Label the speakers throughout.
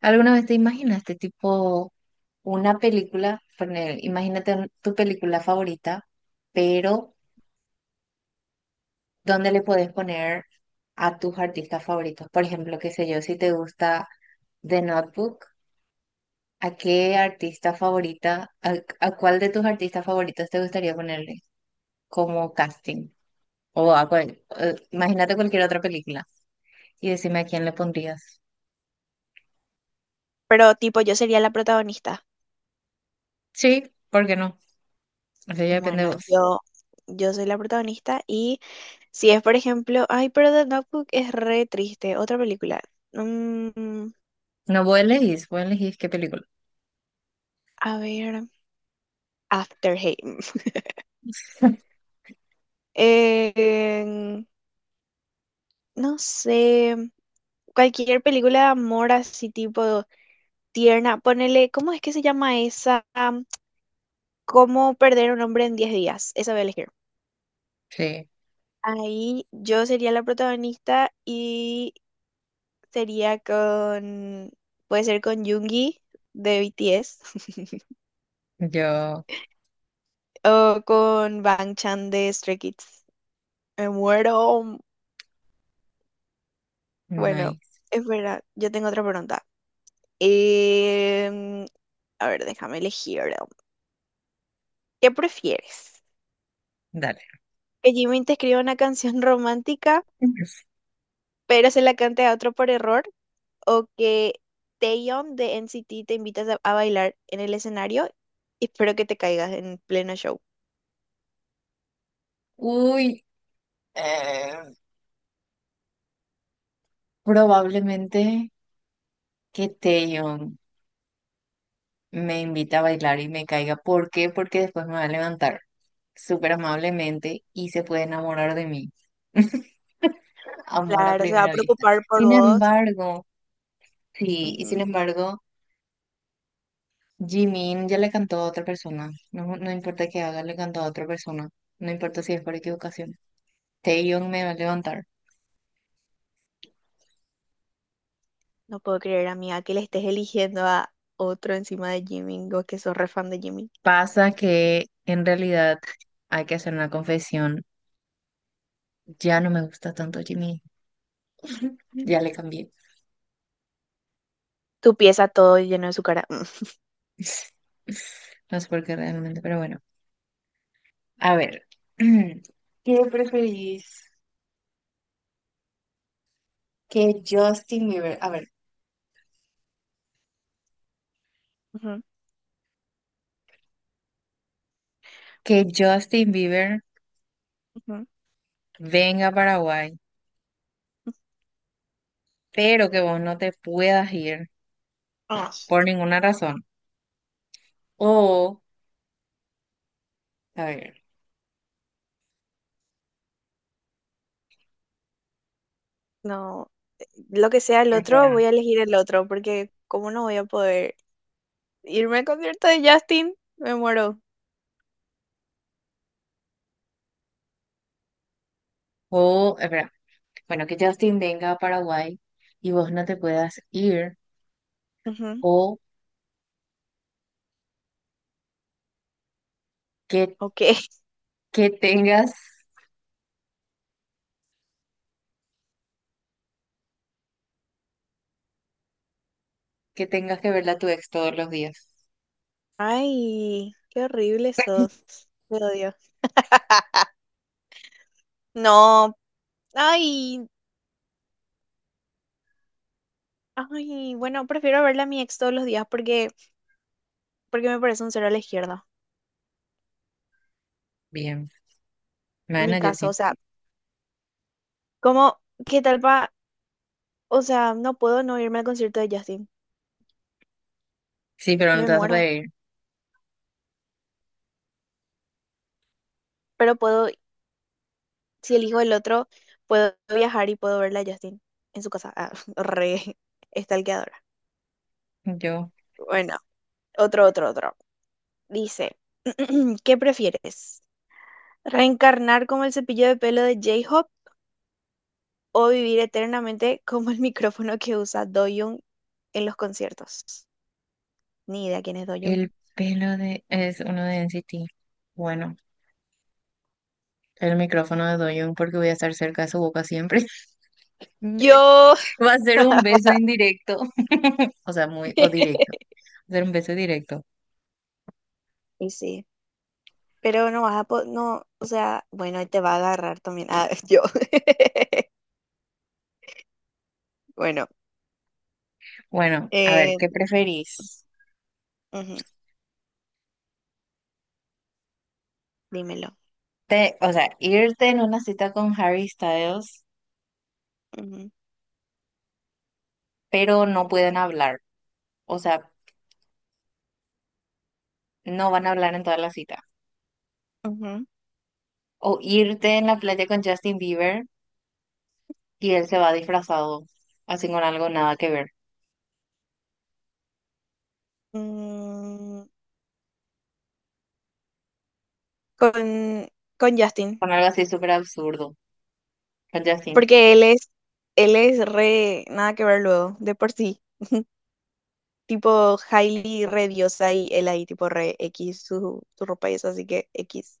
Speaker 1: ¿Alguna vez te imaginaste tipo una película, poner- imagínate un- tu película favorita, pero ¿dónde le puedes poner a tus artistas favoritos? Por ejemplo, qué sé yo, si te gusta The Notebook, ¿a qué artista favorita, a cuál de tus artistas favoritos te gustaría ponerle como casting? O a cuál, imagínate cualquier otra película y decime a quién le pondrías.
Speaker 2: Pero tipo, yo sería la protagonista.
Speaker 1: Sí, ¿por qué no? Eso ya depende de
Speaker 2: Bueno,
Speaker 1: vos.
Speaker 2: yo soy la protagonista y si es, por ejemplo, ay, pero The Notebook es re triste, otra película. Mm,
Speaker 1: No, vos elegís qué película.
Speaker 2: a ver, After Hate. Eh, no sé, cualquier película de amor así tipo tierna, ponele, ¿cómo es que se llama esa? ¿Cómo perder un hombre en 10 días? Esa voy a elegir.
Speaker 1: Sí.
Speaker 2: Ahí yo sería la protagonista, sería con, puede ser con Yoongi de BTS,
Speaker 1: Yo,
Speaker 2: o con Bang Chan de Stray Kids. Me muero. Bueno,
Speaker 1: nice.
Speaker 2: espera, yo tengo otra pregunta. Em, a ver, déjame elegir. ¿Qué prefieres?
Speaker 1: Dale.
Speaker 2: ¿Que Jimin te escriba una canción romántica, pero se la cante a otro por error? ¿O que Taeyeon de NCT te invitas a bailar en el escenario y espero que te caigas en pleno show?
Speaker 1: Uy, eh, probablemente que Taeyeon me invita a bailar y me caiga. ¿Por qué? Porque después me va a levantar súper amablemente y se puede enamorar de mí. Amor a
Speaker 2: Claro, se va a
Speaker 1: primera vista.
Speaker 2: preocupar por
Speaker 1: Sin
Speaker 2: vos.
Speaker 1: embargo, sí, y sin
Speaker 2: Ujú.
Speaker 1: embargo, Jimin ya le cantó a otra persona. No, no importa que haga, le cantó a otra persona. No importa si es por equivocación. Taeyeon me va a levantar.
Speaker 2: No puedo creer, amiga, que le estés eligiendo a otro encima de Jimin, o que sos re fan de Jimin.
Speaker 1: Pasa que en realidad hay que hacer una confesión. Ya no me gusta tanto Jimmy.
Speaker 2: Mm.
Speaker 1: Ya le cambié.
Speaker 2: Tu pieza todo lleno de su cara. Mm.
Speaker 1: No sé por qué realmente, pero bueno. A ver, ¿Qué preferís? Que Justin Bieber. A ver, que Justin Bieber
Speaker 2: Ujú, ujú.
Speaker 1: venga a Paraguay, pero que vos no te puedas ir
Speaker 2: Ah,
Speaker 1: por ninguna razón. O, a ver,
Speaker 2: no, lo que sea el otro,
Speaker 1: espera.
Speaker 2: voy a elegir el otro, porque ¿cómo no voy a poder irme al concierto de Justin? Me muero.
Speaker 1: O, espera. Bueno, que Justin venga a Paraguay y vos no te puedas ir.
Speaker 2: Ujú.
Speaker 1: O Que,
Speaker 2: Ok.
Speaker 1: que tengas, que tengas que verla a tu ex todos los días.
Speaker 2: Ay, qué horrible sos. Te odio. No, ay, ay, bueno, prefiero verle a mi ex todos los días porque me parece un cero a la izquierda.
Speaker 1: Bien.
Speaker 2: Ni
Speaker 1: Bueno, yo
Speaker 2: caso, o
Speaker 1: sí,
Speaker 2: sea. ¿Cómo? ¿Qué tal pa? O sea, no puedo no irme al concierto de Justin.
Speaker 1: sí, pero no
Speaker 2: Me
Speaker 1: te vas a
Speaker 2: muero.
Speaker 1: poder ir.
Speaker 2: Pero puedo, si elijo el otro, puedo viajar y puedo verla a Justin en su casa. Ah, re estalqueadora.
Speaker 1: Yo.
Speaker 2: Bueno, otro, otro, otro, dice. ¿Qué prefieres? ¿Reencarnar como el cepillo de pelo de J-Hope o vivir eternamente como el micrófono que usa Doyoung en los conciertos? Ni idea quién es Doyoung.
Speaker 1: El pelo de es uno de NCT. Bueno, el micrófono de Doyoung porque voy a estar cerca de su boca siempre.
Speaker 2: Yo.
Speaker 1: Va a ser un beso indirecto. O sea, muy, o directo. Va a ser un beso directo.
Speaker 2: Y sí. Pero no, o sea, bueno, y te va a agarrar también. Ah, yo. Bueno,
Speaker 1: Bueno, a ver,
Speaker 2: eh,
Speaker 1: ¿qué preferís?
Speaker 2: ujú, dímelo.
Speaker 1: Te, o sea, irte en una cita con Harry Styles,
Speaker 2: Ujú,
Speaker 1: pero no pueden hablar. O sea, no van a hablar en toda la cita.
Speaker 2: ujú.
Speaker 1: O irte en la playa con Justin Bieber y él se va disfrazado, así con algo nada que ver,
Speaker 2: Mm, con, con, Justin,
Speaker 1: con algo así súper absurdo, con Justin.
Speaker 2: porque él es re, nada que ver luego, de por sí. Tipo Hailey re diosa y él ahí tipo re X su ropa y eso, así que X.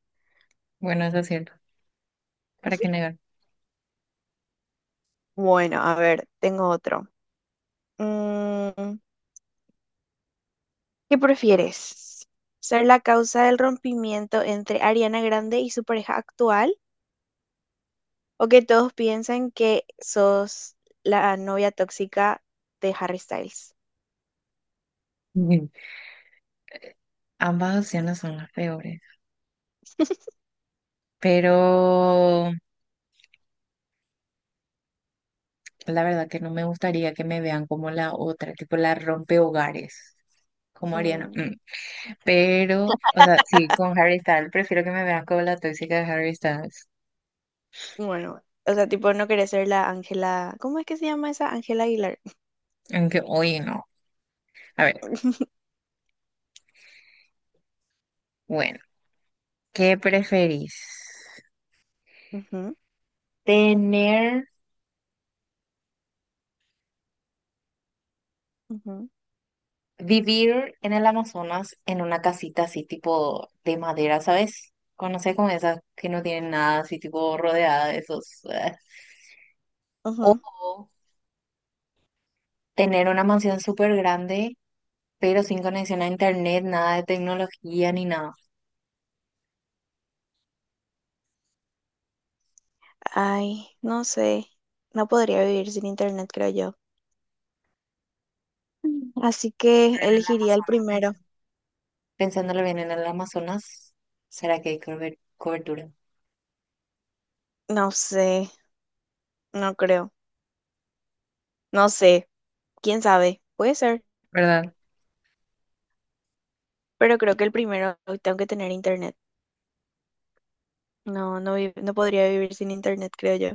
Speaker 1: Bueno, eso es cierto. ¿Para qué negar?
Speaker 2: Bueno, a ver, tengo otro. Mm, ¿Qué prefieres? ¿Ser la causa del rompimiento entre Ariana Grande y su pareja actual? ¿O que todos piensen que sos la novia tóxica de Harry Styles?
Speaker 1: Ujú. Ambas opciones son las peores. Pero la verdad que no me gustaría que me vean como la otra, tipo la rompehogares, como Ariana.
Speaker 2: Mm,
Speaker 1: Mm. Pero, o sea, sí, con Harry Styles, prefiero que me vean como la tóxica de Harry Styles.
Speaker 2: bueno, o sea, tipo, no querés ser la Ángela. ¿Cómo es que se llama esa? Ángela Aguilar.
Speaker 1: Aunque hoy no. A ver, bueno. ¿Qué preferís?
Speaker 2: Ujú,
Speaker 1: ¿Tener,
Speaker 2: ujú,
Speaker 1: vivir en el Amazonas en una casita así tipo de madera, ¿sabes? Conoces como esas que no tienen nada así tipo rodeada de esos.
Speaker 2: ujú.
Speaker 1: O tener una mansión súper grande, pero sin conexión a internet, nada de tecnología ni nada.
Speaker 2: Ay, no sé. No podría vivir sin internet, creo yo. Así que
Speaker 1: Pero en el
Speaker 2: elegiría el
Speaker 1: Amazonas,
Speaker 2: primero.
Speaker 1: pensando, pensándolo bien, en el Amazonas, ¿será que hay cober- cobertura?
Speaker 2: No sé, no creo. No sé, quién sabe. Puede ser.
Speaker 1: ¿Verdad?
Speaker 2: Pero creo que el primero, tengo que tener internet. No, no, no podría vivir sin internet, creo yo.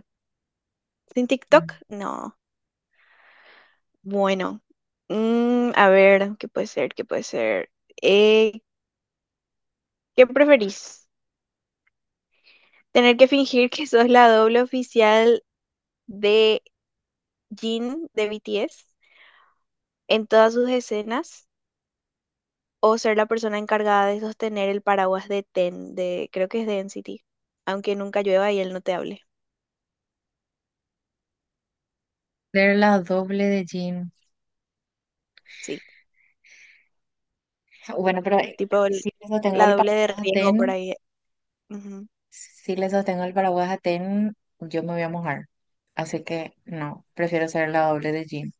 Speaker 2: ¿Sin
Speaker 1: Mm.
Speaker 2: TikTok? No. Bueno. A ver, ¿qué puede ser? ¿Qué puede ser? Eh, ¿Qué preferís? ¿Tener que fingir que sos la doble oficial de Jin de BTS en todas sus escenas? ¿O ser la persona encargada de sostener el paraguas de Ten, creo que es de NCT? Aunque nunca llueva y él no te hable.
Speaker 1: Ser la doble de Jim.
Speaker 2: Sí,
Speaker 1: Bueno, pero
Speaker 2: tipo
Speaker 1: si le sostengo
Speaker 2: la
Speaker 1: el
Speaker 2: doble de
Speaker 1: paraguas a
Speaker 2: riesgo por
Speaker 1: Ten,
Speaker 2: ahí.
Speaker 1: si le sostengo el paraguas a Ten, yo me voy a mojar. Así que no, prefiero ser la doble de Jean.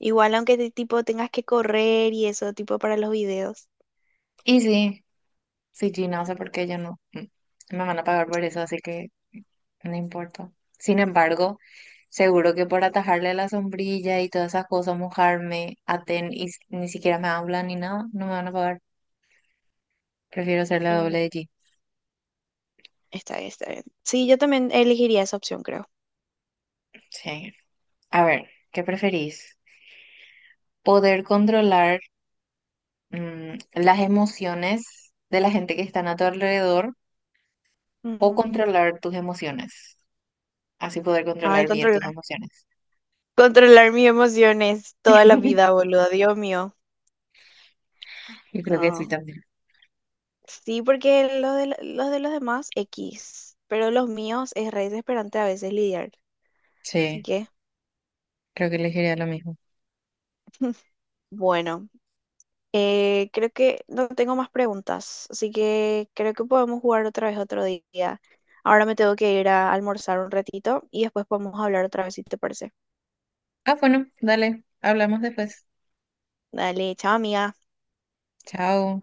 Speaker 2: Igual aunque tipo tengas que correr y eso, tipo para los videos.
Speaker 1: Y sí, si Jean hace porque yo no me van a pagar por eso, así que no importa. Sin embargo, seguro que por atajarle la sombrilla y todas esas cosas, mojarme a Ten y s- ni siquiera me hablan ni nada, no me van a pagar. Prefiero ser la
Speaker 2: Mm,
Speaker 1: doble de Jean.
Speaker 2: Está bien, está bien. Sí, yo también elegiría esa opción, creo.
Speaker 1: Sí. A ver, ¿qué preferís? ¿Poder controlar las emociones de la gente que están a tu alrededor o
Speaker 2: Ujú.
Speaker 1: controlar tus emociones? Así poder
Speaker 2: Ay,
Speaker 1: controlar bien tus
Speaker 2: controlar.
Speaker 1: emociones.
Speaker 2: Controlar mis emociones toda la vida, boludo. Dios mío.
Speaker 1: Yo creo que sí
Speaker 2: No.
Speaker 1: también.
Speaker 2: Sí, porque los de, los demás, X. Pero los míos es re desesperante a veces lidiar. Así
Speaker 1: Sí,
Speaker 2: que,
Speaker 1: creo que elegiría lo mismo.
Speaker 2: bueno. Creo que no tengo más preguntas, así que creo que podemos jugar otra vez otro día. Ahora me tengo que ir a almorzar un ratito y después podemos hablar otra vez si te parece.
Speaker 1: Ah, bueno, dale, hablamos después.
Speaker 2: Dale, chao, amiga.
Speaker 1: Chao.